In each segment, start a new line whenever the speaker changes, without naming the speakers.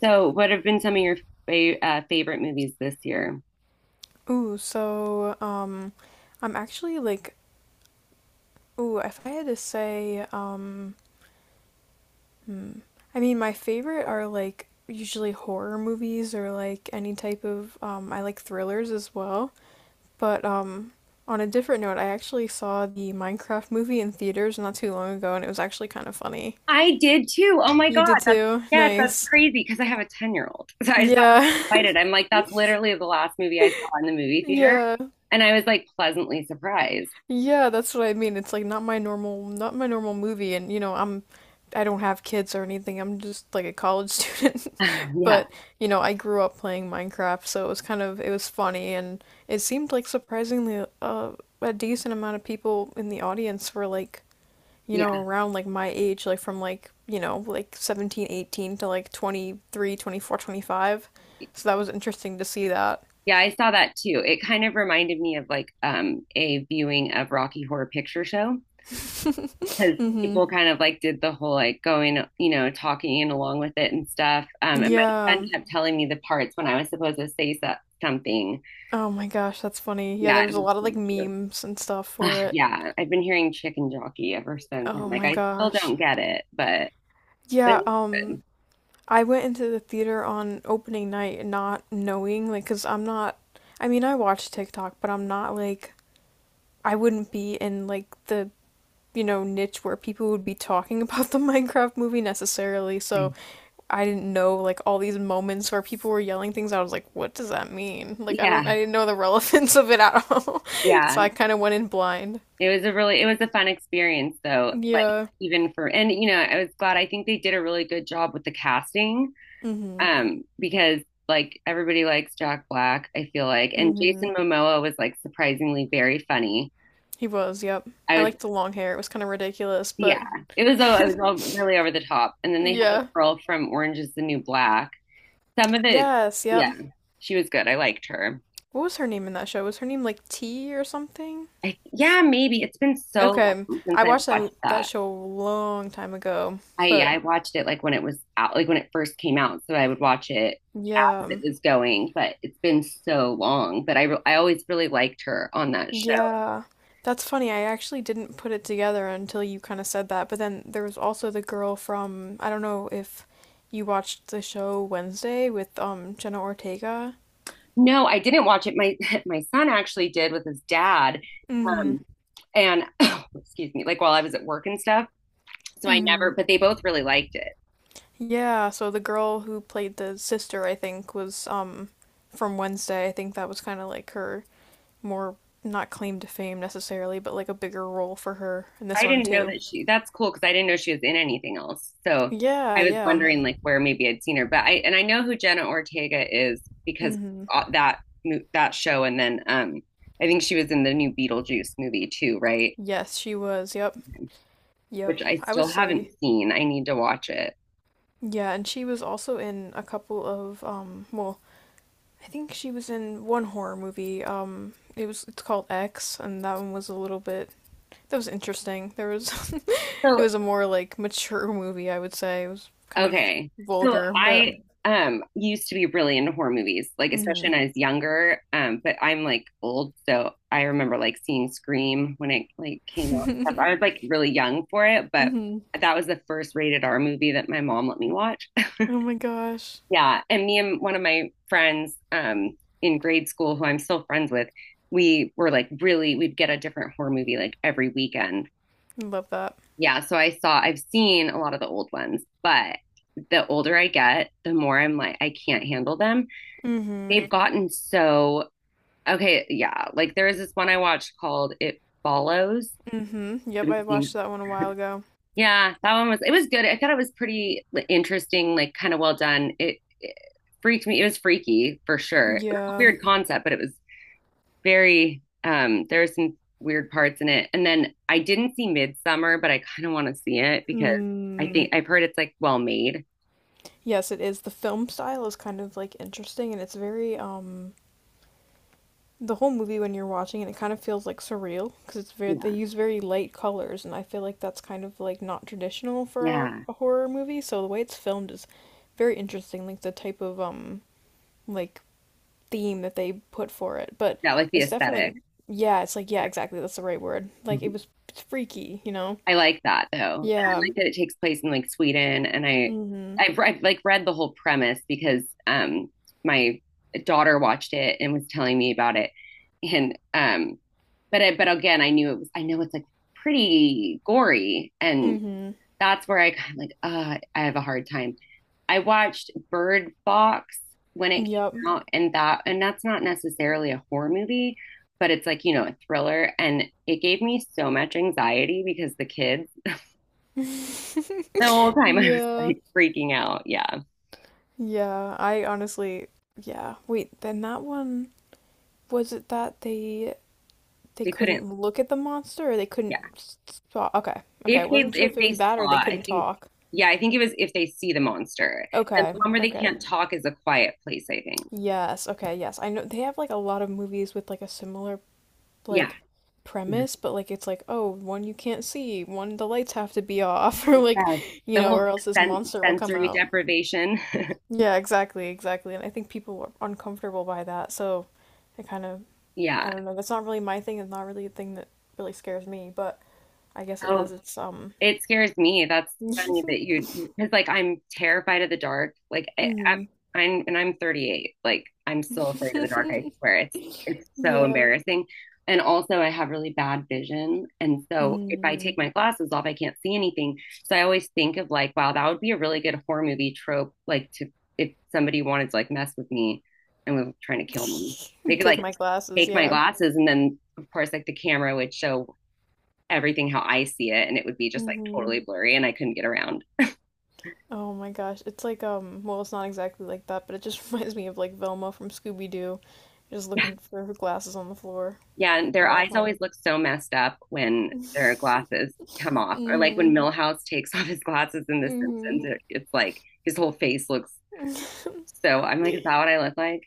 So, what have been some of your favorite movies this year?
Ooh, I'm actually like, if I had to say, hmm, my favorite are usually horror movies or like any type of I like thrillers as well. But on a different note, I actually saw the Minecraft movie in theaters not too long ago, and it was actually kind of funny.
I did too. Oh my
You
God.
did
That's,
too?
yes, that's
Nice.
crazy because I have a 10-year-old. So I just got
Yeah.
excited. I'm like, that's literally the last movie I saw in the movie theater.
Yeah.
And I was like pleasantly surprised.
Yeah, that's what I mean. It's like not my normal movie, and I don't have kids or anything. I'm just like a college student,
yeah.
but you know, I grew up playing Minecraft, so it was funny, and it seemed like surprisingly, a decent amount of people in the audience were like, you know,
Yeah.
around like my age, like from like 17, 18 to like 23, 24, 25. So that was interesting to see that.
Yeah, I saw that too. It kind of reminded me of like a viewing of Rocky Horror Picture Show, because
hmm
people kind of like did the whole like going, you know, talking and along with it and stuff. And my friend
Yeah.
kept telling me the parts when I was supposed to say something.
Oh my gosh, that's funny. Yeah, there
Yeah,
was
it
a
was
lot of like
pretty cute.
memes and stuff for
Ah,
it.
yeah, I've been hearing chicken jockey ever since. I'm
Oh
like,
my
I still
gosh.
don't get it, but it
Yeah,
was
I went into the theater on opening night not knowing because 'cause I'm not I mean, I watch TikTok, but I wouldn't be in the niche where people would be talking about the Minecraft movie necessarily. So,
good.
I didn't know like all these moments where people were yelling things. I was like, "What does that mean?" Like
Yeah,
I didn't know the relevance of it at all. So,
yeah.
I kind of went in blind.
It was a really, it was a fun experience though. Like
Yeah.
even for, and you know, I was glad. I think they did a really good job with the casting.
hmm
Because like everybody likes Jack Black, I feel like, and
hmm
Jason Momoa was like surprisingly very funny.
He was, yep.
I
I
was,
liked the long hair. It was kind of ridiculous, but
yeah, it was all really over the top. And then they had the
yeah.
girl from Orange is the New Black. Some of it,
Yes, yep.
yeah, she was good. I liked her.
What was her name in that show? Was her name like T or something?
Yeah, maybe it's been so
Okay.
long since
I
I
watched
watched
that
that.
show a long time ago,
I Yeah,
but
I watched it like when it was out, like when it first came out, so I would watch it as
yeah.
it was going. But it's been so long. But I always really liked her on that show.
Yeah. That's funny. I actually didn't put it together until you kind of said that. But then there was also the girl from, I don't know if you watched the show Wednesday with Jenna Ortega.
No, I didn't watch it. My my son actually did with his dad.
Mm-hmm.
Um, and excuse me, like while I was at work and stuff. So I never, but they both really liked it.
Yeah, so the girl who played the sister, I think, was from Wednesday. I think that was kind of like her more not claim to fame necessarily, but like a bigger role for her in this
I
one
didn't know
too.
that that's cool because I didn't know she was in anything else. So
Yeah,
I was
yeah.
wondering like where maybe I'd seen her, but and I know who Jenna Ortega is because
Mm-hmm.
that show. And then, I think she was in the new Beetlejuice movie too, right?
Yes, she was. Yep. Yep.
Which I
I would
still haven't
say.
seen. I need to watch it.
Yeah, and she was also in a couple of I think she was in one horror movie. It's called X and that one was a little bit that was interesting. There was it
So
was a more like mature movie, I would say. It was kind of
okay. So
vulgar, but
I used to be really into horror movies, like
hmm
especially when I was younger. But I'm like old, so I remember like seeing Scream when it like came out and stuff. I
hmm
was like really young for it, but that was the first rated R movie that my mom let me watch.
Oh my gosh.
Yeah, and me and one of my friends in grade school who I'm still friends with, we were like really we'd get a different horror movie like every weekend.
I love that.
Yeah, so I've seen a lot of the old ones, but the older I get, the more I'm like, I can't handle them.
Hmm
They've gotten so, okay, yeah. Like there was this one I watched called It Follows.
hmm Yep,
Have
I
you
watched
seen?
that one a while ago.
Yeah, that one was, it was good. I thought it was pretty like, interesting, like kind of well done. It freaked me. It was freaky for sure. It was a
Yeah.
weird concept, but it was very there are some weird parts in it. And then I didn't see Midsummer, but I kind of want to see it because I
Mm.
think I've heard it's like well made.
Yes, it is. The film style is kind of like interesting and it's very the whole movie when you're watching it, it kind of feels like surreal because it's very they
Yeah.
use very light colors, and I feel like that's kind of like not traditional for
Yeah.
a horror movie. So the way it's filmed is very interesting, like the type of like theme that they put for it. But
That like the
it's
aesthetic.
definitely yeah, it's like yeah,
Yeah.
exactly, that's the right word. Like
Mhm.
it's freaky, you know?
I like that though. And I
Yeah.
like that it takes place in like Sweden and
hmm
I've like read the whole premise because my daughter watched it and was telling me about it and but again I know it's like pretty gory and
hmm
that's where I kind of I have a hard time. I watched Bird Box when it
Yep.
came out, and that's not necessarily a horror movie, but it's like, you know, a thriller. And it gave me so much anxiety because the kids, the whole time I was
Yeah.
like freaking out. Yeah.
Yeah. I honestly yeah. Wait, then that one was it that they
They couldn't,
couldn't look at the monster or they
yeah.
couldn't talk? Okay. Okay. I wasn't sure
If
if it
they
was that or
saw,
they
I
couldn't
think,
talk.
yeah, I think it was if they see the monster. And the
Okay.
one where they
Okay.
can't talk is a quiet place, I think.
Yes. Okay. Yes. I know they have like a lot of movies with like a similar
Yeah.
like premise, but like it's like, oh, one you can't see, one the lights have to be off or like,
Yes.
you
The
know,
whole
or else this monster will come
sensory
out.
deprivation.
Yeah, exactly, exactly. And I think people were uncomfortable by that, so I kind of I
Yeah.
don't know. That's not really my thing. It's not really a thing that really scares me, but I guess it
Oh,
has its.
it scares me. That's funny that you, Because like I'm terrified of the dark.
hmm
I'm, and I'm 38. Like I'm still afraid of the dark. I swear it's so
yeah.
embarrassing. And also, I have really bad vision, and so if I
Mm.
take my glasses off, I can't see anything. So I always think of like, wow, that would be a really good horror movie trope. Like to If somebody wanted to like mess with me and was trying to kill me, they could
Take
like
my glasses.
take my
Yeah.
glasses, and then of course like the camera would show everything how I see it and it would be just like
hmm
totally blurry and I couldn't get around.
Oh my gosh, it's like. Well, it's not exactly like that, but it just reminds me of like Velma from Scooby Doo, just looking for her glasses on the floor
Yeah, and their
all
eyes
the
always
time.
look so messed up when their glasses come off or like when
hmm
Millhouse takes off his glasses in The
hmm
Simpsons, it's like his whole face looks so I'm like, is that what I look like?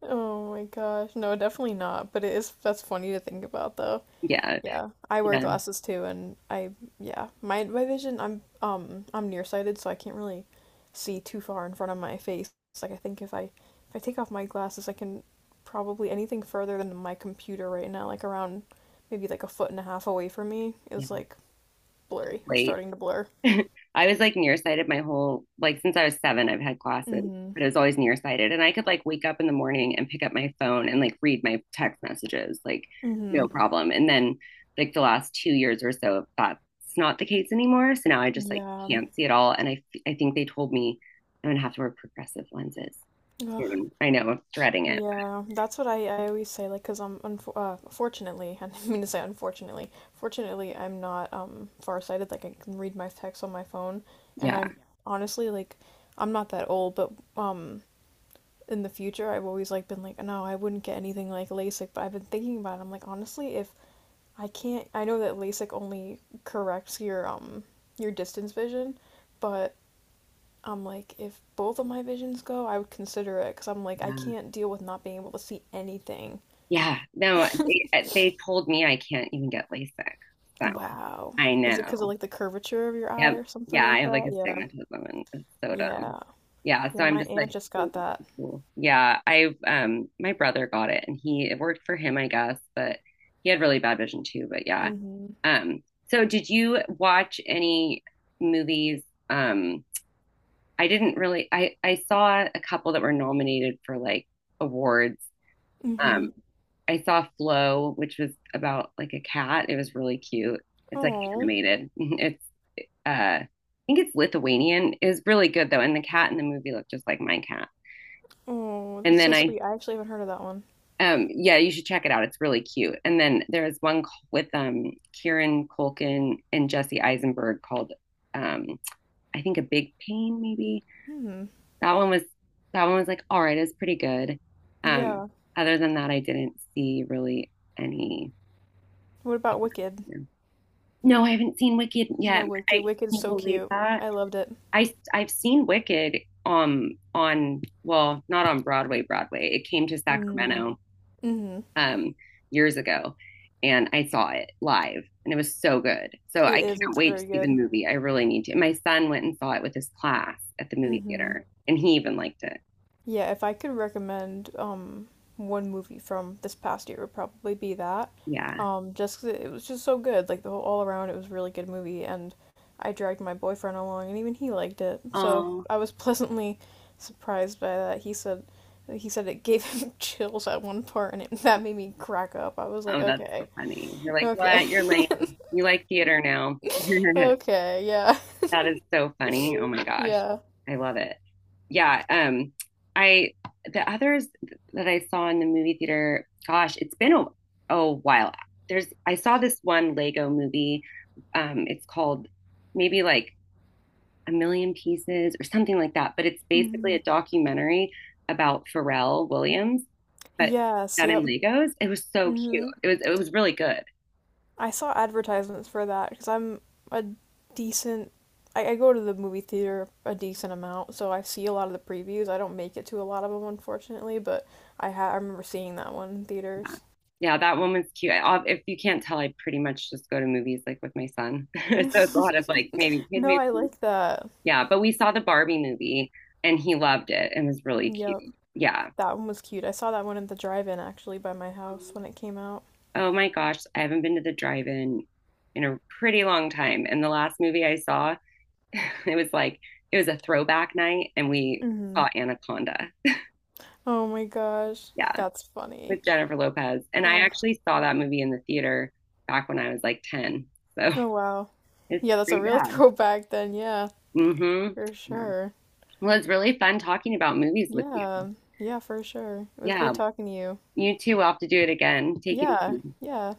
oh my gosh. No, definitely not. But it is. That's funny to think about, though.
yeah,
Yeah, I wear
yeah,
glasses too, and I yeah, my vision I'm nearsighted, so I can't really see too far in front of my face. It's like I think if I take off my glasses, I can probably anything further than my computer right now, like around maybe like a foot and a half away from me, is
yeah.
like blurry or
Late.
starting to blur.
I was like nearsighted my whole like since I was seven, I've had glasses
Mm-hmm.
but it was always nearsighted. And I could like wake up in the morning and pick up my phone and like read my text messages, like
Mm-hmm.
no problem. And then like the last 2 years or so, that's not the case anymore. So now I just like
Yeah.
can't see at all. And I think they told me I'm gonna have to wear progressive lenses
Ugh.
soon. I know, I'm dreading it.
Yeah, that's what I always say, like, because I'm unfor fortunately, I didn't mean to say unfortunately, fortunately, I'm not farsighted. Like, I can read my text on my phone, and
Yeah.
honestly like, I'm not that old, but in the future, I've always like been like, no, I wouldn't get anything like LASIK, but I've been thinking about it. I'm like, honestly, if I can't, I know that LASIK only corrects your distance vision, but I'm like, if both of my visions go, I would consider it because I'm like, I
Yeah.
can't deal with not being able to see anything.
Yeah. No, they told me I can't even get LASIK. So
Wow.
I
Is it because of
know.
like the curvature of your eye
Yeah,
or something
yeah, I
like
have like
that? Yeah.
astigmatism and it's so dumb.
Yeah.
Yeah, so
Yeah,
I'm
my
just
aunt
like,
just
cool,
got that.
cool, cool. Yeah, I've my brother got it and he it worked for him, I guess, but he had really bad vision too, but yeah.
Mm-hmm.
Um, so did you watch any movies? Um, I didn't really I saw a couple that were nominated for like awards.
Mm-hmm.
Um, I saw Flow, which was about like a cat. It was really cute. It's like
Oh.
animated. It's I think it's Lithuanian. It was really good though. And the cat in the movie looked just like my cat.
Oh,
And
that's
then
so
I,
sweet. I actually haven't heard of that one.
yeah, you should check it out. It's really cute. And then there's one with Kieran Culkin and Jesse Eisenberg called, um, I think, A Big Pain, maybe.
Hmm.
That one was, that one was like, all right, it's pretty good. Um,
Yeah.
Other than that, I didn't see really any.
What about Wicked?
No, No, I haven't seen Wicked yet.
No, Wicked.
I
Wicked's
can't
so
believe
cute.
that.
I loved it.
I've seen Wicked on well, not on Broadway, Broadway. It came to
Mm.
Sacramento
Mm-hmm.
um years ago and I saw it live and it was so good. So
It
I
is.
can't
It's
wait to
very
see the
good.
movie. I really need to. And my son went and saw it with his class at the movie
Mm-hmm.
theater and he even liked it.
Yeah, if I could recommend one movie from this past year, it would probably be that.
Yeah.
Just 'cause it was just so good. Like the whole all around, it was a really good movie, and I dragged my boyfriend along, and even he liked it. So
Oh,
I was pleasantly surprised by that. He said it gave him chills at one part, and that made me crack up. I was like,
oh, that's so
okay,
funny. You're like,
okay,
what? You're lame. You like theater now.
okay, yeah,
That is so funny. Oh my gosh.
yeah.
I love it. Yeah, I The others that I saw in the movie theater, gosh, it's been a while. There's I saw this one Lego movie. It's called maybe like A Million Pieces or something like that, but it's basically
hmm
a documentary about Pharrell Williams, but
Yes,
done in
yep.
Legos. It was so cute.
hmm
It was really good.
I saw advertisements for that because I'm a decent. I go to the movie theater a decent amount, so I see a lot of the previews. I don't make it to a lot of them, unfortunately, but I remember seeing that one in
Yeah,
theaters.
Yeah, that one was cute. If you can't tell, I pretty much just go to movies like with my son. So it's a lot of like maybe kid
No, I
movies.
like that.
Yeah, but we saw the Barbie movie and he loved it and was really
Yep,
cute. Yeah.
that one was cute. I saw that one at the drive-in actually by my house when it came out.
Oh my gosh, I haven't been to the drive-in in a pretty long time. And the last movie I saw, it was like it was a throwback night and we
Hmm
saw Anaconda.
Oh my gosh,
Yeah,
that's funny.
with Jennifer Lopez. And I
Oh,
actually saw that movie in the theater back when I was like 10. So
oh wow.
it's
Yeah, that's a
pretty
real
bad.
throwback then. Yeah,
Mm-hmm.
for
Yeah.
sure.
Well, it's really fun talking about movies with you.
Yeah, yeah, for sure. It was
Yeah.
great talking to you.
You too will have to do it again. Take it
Yeah,
easy.
yeah.